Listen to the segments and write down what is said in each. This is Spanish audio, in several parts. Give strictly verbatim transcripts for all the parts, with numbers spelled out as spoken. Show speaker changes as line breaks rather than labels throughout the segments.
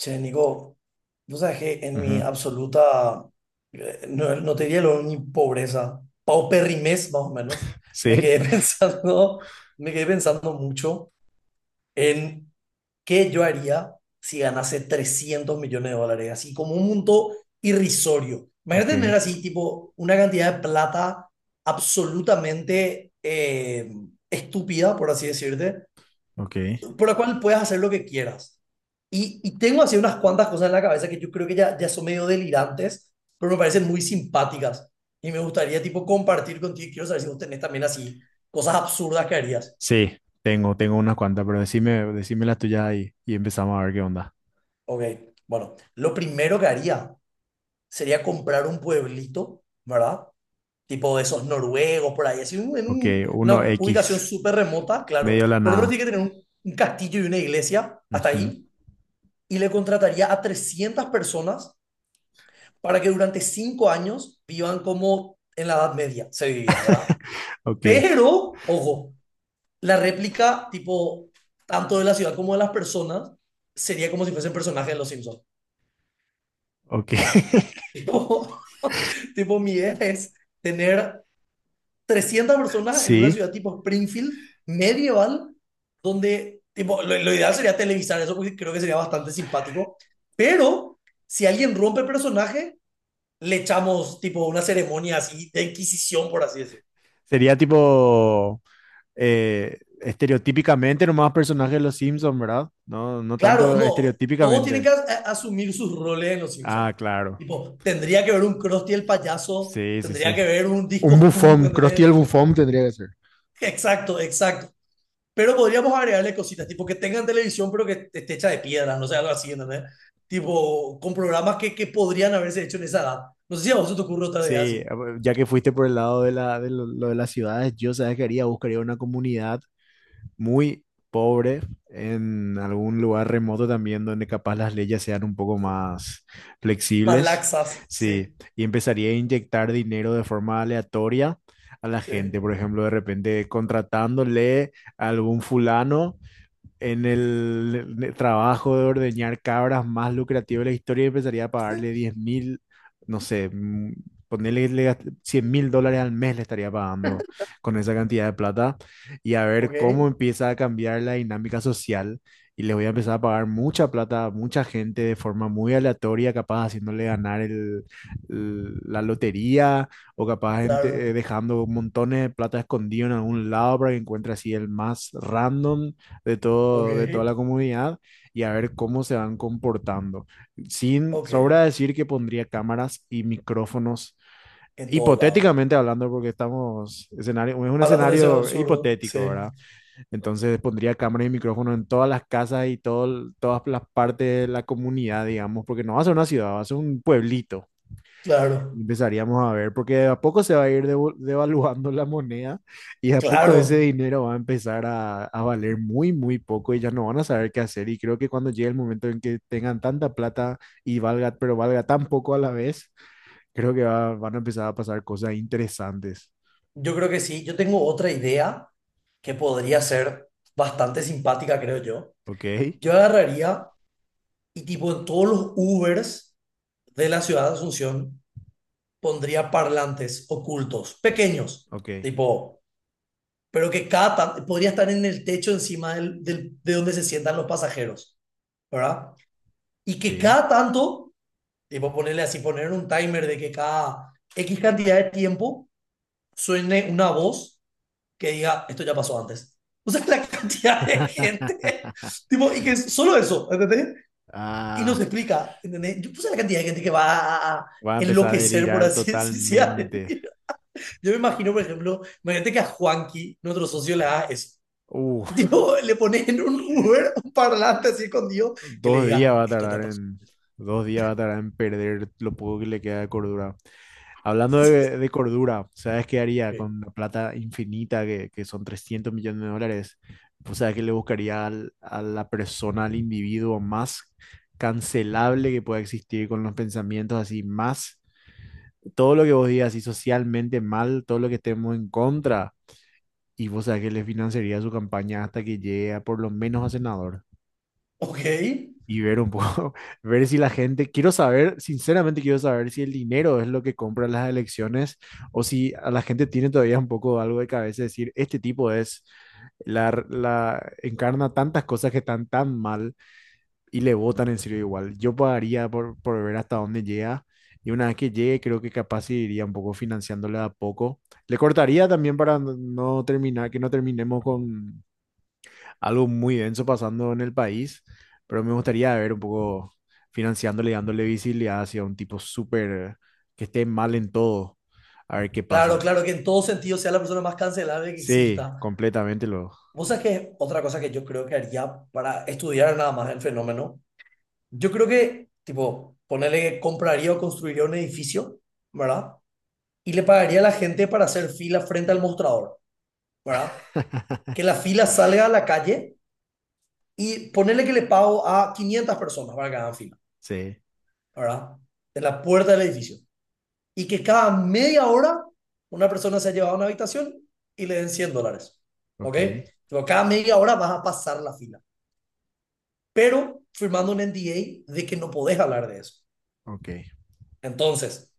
Che, Nico, vos sabés que en mi
Ujú.
absoluta, eh, no, no te diría lo- ni pobreza, pauperrimez más o menos, me
Sí,
quedé pensando, me quedé pensando mucho en qué yo haría si ganase trescientos millones de dólares, así como un monto irrisorio.
ok,
Imagínate tener así, tipo, una cantidad de plata absolutamente eh, estúpida, por así decirte,
ok.
por la cual puedes hacer lo que quieras. Y, y tengo así unas cuantas cosas en la cabeza que yo creo que ya, ya son medio delirantes, pero me parecen muy simpáticas. Y me gustaría, tipo, compartir contigo. Quiero saber si vos tenés también así cosas absurdas que harías.
Sí, tengo, tengo unas cuantas, pero decime, decime las tuyas y, y empezamos a ver qué onda.
Ok, bueno, lo primero que haría sería comprar un pueblito, ¿verdad? Tipo de esos noruegos por ahí, así un- en
Ok,
un-
uno
una ubicación
x
súper remota, claro.
medio de la
Por otro,
nada.
tiene que tener un, un castillo y una iglesia hasta
Ujú.
ahí. Y le contrataría a trescientas personas para que durante cinco años vivan como en la Edad Media se vivía, ¿verdad?
Ok,
Pero, ojo, la réplica, tipo, tanto de la ciudad como de las personas, sería como si fuesen personajes de Los Simpsons.
ok.
Tipo, tipo, mi idea es tener trescientas personas en una
Sí,
ciudad tipo Springfield, medieval, donde, tipo, lo, lo ideal sería televisar eso porque creo que sería bastante simpático, pero si alguien rompe el personaje, le echamos tipo una ceremonia así de inquisición, por así decir.
sería tipo eh, estereotípicamente nomás personajes de los Simpsons, ¿verdad? No, no
Claro,
tanto
no, todos tienen
estereotípicamente.
que as- a- asumir sus roles en Los Simpsons.
Ah, claro.
Tipo, tendría que ver un Krusty el payaso,
Sí, sí, sí.
tendría que ver un
Un
Discos Tú,
bufón, Krusty el
¿entendés?
bufón tendría que ser.
Exacto, exacto. Pero podríamos agregarle cositas, tipo que tengan televisión, pero que esté hecha de piedra, no sé, algo así, ¿entendés? Tipo, con programas que, que podrían haberse hecho en esa edad. No sé si a vos se te ocurre otra idea
Sí,
así.
a ver, ya que fuiste por el lado de la, de lo, lo de las ciudades, yo sabes que haría, buscaría una comunidad muy pobre en algún lugar remoto también donde capaz las leyes sean un poco más
Más
flexibles.
laxas,
Sí,
sí,
y empezaría a inyectar dinero de forma aleatoria a la gente,
sí.
por ejemplo, de repente contratándole a algún fulano en el trabajo de ordeñar cabras más lucrativo de la historia, empezaría a pagarle diez mil, no sé, mm, ponerle le gast- cien mil dólares al mes le estaría pagando con esa cantidad de plata y a
Ok,
ver cómo empieza a cambiar la dinámica social. Y les voy a empezar a pagar mucha plata a mucha gente de forma muy aleatoria, capaz haciéndole ganar el- el- la lotería o capaz ente- eh,
claro,
dejando montones de plata escondido en algún lado para que encuentre así el más random de
ok,
todo, de toda la comunidad y a ver cómo se van comportando. Sin
ok.
sobra decir que pondría cámaras y micrófonos,
En todos lados.
hipotéticamente hablando, porque estamos, escenario, es un
Hablando de ese
escenario
absurdo,
hipotético,
sí,
¿verdad? Entonces pondría cámaras y micrófonos en todas las casas y todo, todas las partes de la comunidad, digamos, porque no va a ser una ciudad, va a ser un pueblito
claro,
y empezaríamos a ver, porque de a poco se va a ir devo- devaluando la moneda y de a poco ese
claro.
dinero va a empezar a, a valer muy, muy poco y ya no van a saber qué hacer. Y creo que cuando llegue el momento en que tengan tanta plata y valga, pero valga tan poco a la vez, creo que va- van a empezar a pasar cosas interesantes.
Yo creo que sí. Yo tengo otra idea que podría ser bastante simpática, creo yo.
¿Ok?
Yo agarraría y tipo en todos los Ubers de la ciudad de Asunción pondría parlantes ocultos, pequeños,
Ok,
tipo, pero que cada tan- podría estar en el techo encima del, del- de donde se sientan los pasajeros, ¿verdad? Y que
sí.
cada tanto, tipo, ponerle así, poner un timer de que cada X cantidad de tiempo suene una voz que diga, esto ya pasó antes. O sea, la cantidad de gente, tipo, y que es solo eso, ¿entendés? Y
Ah,
nos explica, ¿entendés? Yo puse la cantidad de gente que va a a
va a empezar a
enloquecer, por
delirar
así decirlo.
totalmente.
Yo me imagino, por ejemplo, imagínate que a Juanqui, nuestro socio, le haga eso.
Uf,
Tipo, le pones en un Uber un parlante así escondido que le
dos días
diga,
va a
esto ya
tardar
pasó.
en, dos días va a tardar en perder lo poco que le queda de cordura. Hablando de, de cordura, ¿sabes qué haría
Ok,
con la plata infinita que, que son trescientos millones de dólares? O sea, que le buscaría al- a la persona, al individuo más cancelable que pueda existir con los pensamientos así, más todo lo que vos digas, así socialmente mal, todo lo que estemos en contra. Y vos sabés que le financiaría su campaña hasta que llegue a por lo menos a senador
ok,
y ver un poco, ver si la gente, quiero saber, sinceramente quiero saber si el dinero es lo que compra las elecciones o si a la gente tiene todavía un poco algo de cabeza de decir, este tipo es, la, r- la encarna tantas cosas que están tan mal y le votan en serio igual. Yo pagaría por, por ver hasta dónde llega. Y una vez que llegue, creo que capaz sí iría un poco financiándole a poco. Le cortaría también para no no terminar, que no terminemos con algo muy denso pasando en el país, pero me gustaría ver un poco financiándole, dándole visibilidad hacia un tipo súper que esté mal en todo, a ver qué
claro,
pasa.
claro, que en todo sentido sea la persona más cancelable que
Sí,
exista.
completamente lo.
Vos sabés que otra cosa que yo creo que haría para estudiar nada más el fenómeno, yo creo que, tipo, ponerle que compraría o construiría un edificio, ¿verdad? Y le pagaría a la gente para hacer fila frente al mostrador, ¿verdad? Que la fila salga a la calle y ponerle que le pago a quinientas personas para que hagan fila,
Sí,
¿verdad? De la puerta del edificio. Y que cada media hora una persona sea llevada a una habitación y le den cien dólares. ¿Ok?
ok,
Pero cada media hora vas a pasar la fila, pero firmando un N D A de que no podés hablar de eso.
ok.
Entonces,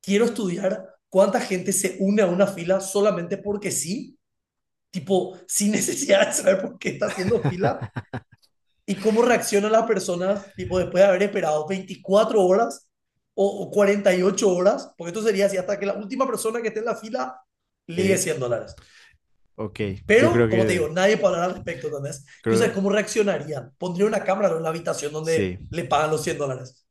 quiero estudiar cuánta gente se une a una fila solamente porque sí, tipo, sin necesidad de saber por qué está haciendo fila y cómo reaccionan las personas, tipo, después de haber esperado veinticuatro horas o, o cuarenta y ocho horas, porque esto sería así hasta que la última persona que esté en la fila ligue
Sí,
cien dólares.
ok. Yo creo
Pero, como te
que,
digo, nadie puede hablar al respecto, ¿entendés? Yo sé
creo,
cómo reaccionarían. Pondría una cámara en la habitación
sí,
donde le pagan los cien dólares.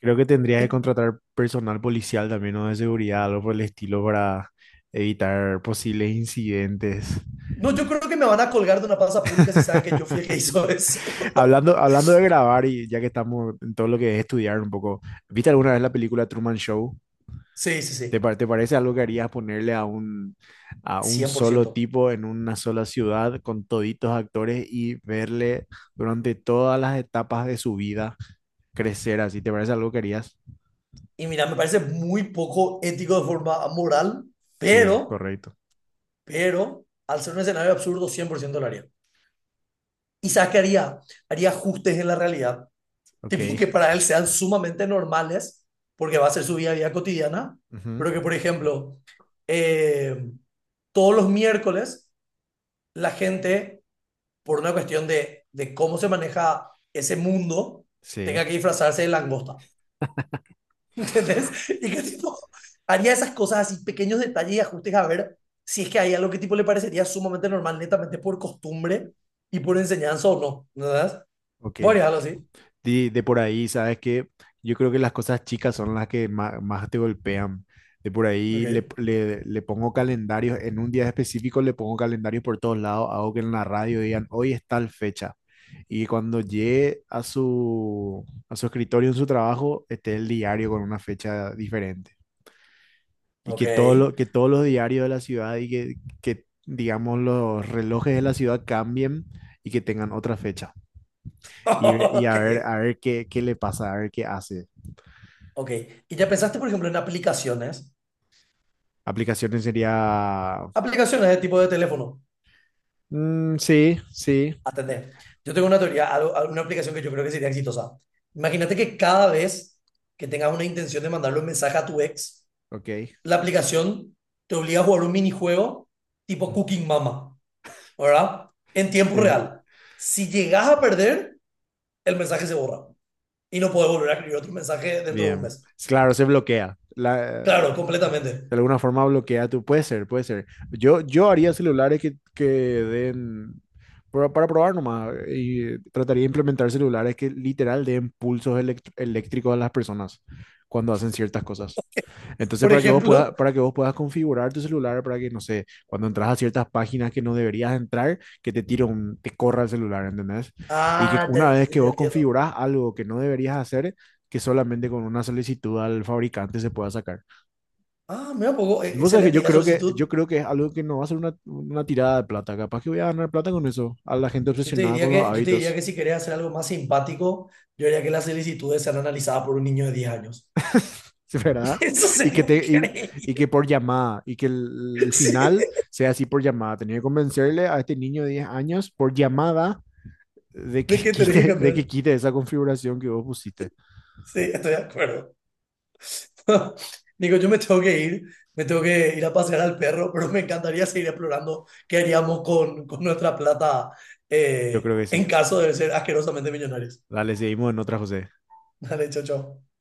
creo que tendría que
Eh,
contratar personal policial también o de seguridad, algo por el estilo para evitar posibles incidentes.
No, yo creo que me van a colgar de una plaza pública si saben que yo fui el que hizo eso.
Hablando, hablando de grabar y ya que estamos en todo lo que es estudiar un poco, ¿viste alguna vez la película Truman Show?
Sí, sí,
¿Te,
sí,
pa- te parece algo que harías ponerle a un, a un solo
cien por ciento.
tipo en una sola ciudad con toditos actores y verle durante todas las etapas de su vida crecer así? ¿Te parece algo que harías?
Y mira, me parece muy poco ético de forma moral,
Sí,
pero
correcto.
pero al ser un escenario absurdo, cien por ciento lo haría. Isaac haría, haría ajustes en la realidad, tipo que
Ok.
para él sean sumamente normales, porque va a ser su vida a cotidiana,
Ujú.
pero que, por ejemplo, eh, todos los miércoles la gente, por una cuestión de, de cómo se maneja ese mundo,
Sí,
tenga que disfrazarse de langosta. ¿Entendés? Y que tipo haría esas cosas así, pequeños detalles y ajustes a ver si es que hay algo que tipo le parecería sumamente normal, netamente por costumbre y por enseñanza o no, ¿verdad?
ok.
Voy a dejarlo así.
de, de por ahí, ¿sabes que yo creo que las cosas chicas son las que más, más te golpean. De por ahí le,
Ok.
le, le pongo calendarios, en un día específico le pongo calendarios por todos lados, hago que en la radio digan, hoy es tal fecha. Y cuando llegue a su, a su escritorio en su trabajo, esté el diario con una fecha diferente. Y
Ok.
que, todo lo, que todos los diarios de la ciudad y que, que, digamos, los relojes de la ciudad cambien y que tengan otra fecha y, ve- y a ver,
Ok.
a ver qué, qué le pasa, a ver qué hace.
Ok. ¿Y ya pensaste, por ejemplo, en aplicaciones?
Aplicaciones sería.
Aplicaciones de tipo de teléfono.
Mm, sí, sí,
Atender. Yo tengo una teoría, algo- una aplicación que yo creo que sería exitosa. Imagínate que cada vez que tengas una intención de mandarle un mensaje a tu ex,
ok,
la aplicación te obliga a jugar un minijuego tipo Cooking Mama, ¿verdad? En tiempo
sí.
real. Si llegas a perder, el mensaje se borra y no puedes volver a escribir otro mensaje dentro de un
Bien.
mes.
Es claro, se bloquea. La,
Claro,
de
completamente.
alguna forma bloquea tu. Puede ser, puede ser. Yo, yo haría celulares que, que den. para Para probar nomás. Y trataría de implementar celulares que literal den pulsos elect- eléctricos a las personas cuando hacen ciertas cosas. Entonces,
Por
para que vos puedas,
ejemplo,
para que vos puedas configurar tu celular, para que, no sé, cuando entras a ciertas páginas que no deberías entrar, que te tire un, te corra el celular, ¿entendés? Y que
ah, ya,
una
ya-
vez que
ya- ya
vos
entiendo.
configurás algo que no deberías hacer, que solamente con una solicitud al fabricante se pueda sacar.
Ah, mira, un poco, e-
Vos sabés que
excelente.
yo
Y la
creo que, yo
solicitud,
creo que es algo que no va a ser una, una tirada de plata. Capaz que voy a ganar plata con eso, a la gente
yo te
obsesionada con
diría
los
que, yo te diría
hábitos.
que si querés hacer algo más simpático, yo diría que las solicitudes sean analizadas por un niño de diez años.
¿sí, verdad?
Eso
Y que,
sería
te, y, y que
increíble.
por llamada, y que el, el,
Sí.
final sea así por llamada. Tenía que convencerle a este niño de diez años por llamada de
¿De
que
qué tenés que
quite, de
cambiar?
que quite esa configuración que vos pusiste.
Sí, estoy de acuerdo. Nico, yo me tengo que ir, me tengo que ir a pasear al perro, pero me encantaría seguir explorando qué haríamos con, con nuestra plata
Yo
eh,
creo que sí.
en caso de ser asquerosamente millonarios.
Dale, seguimos en otra, José.
Dale, chao, chao.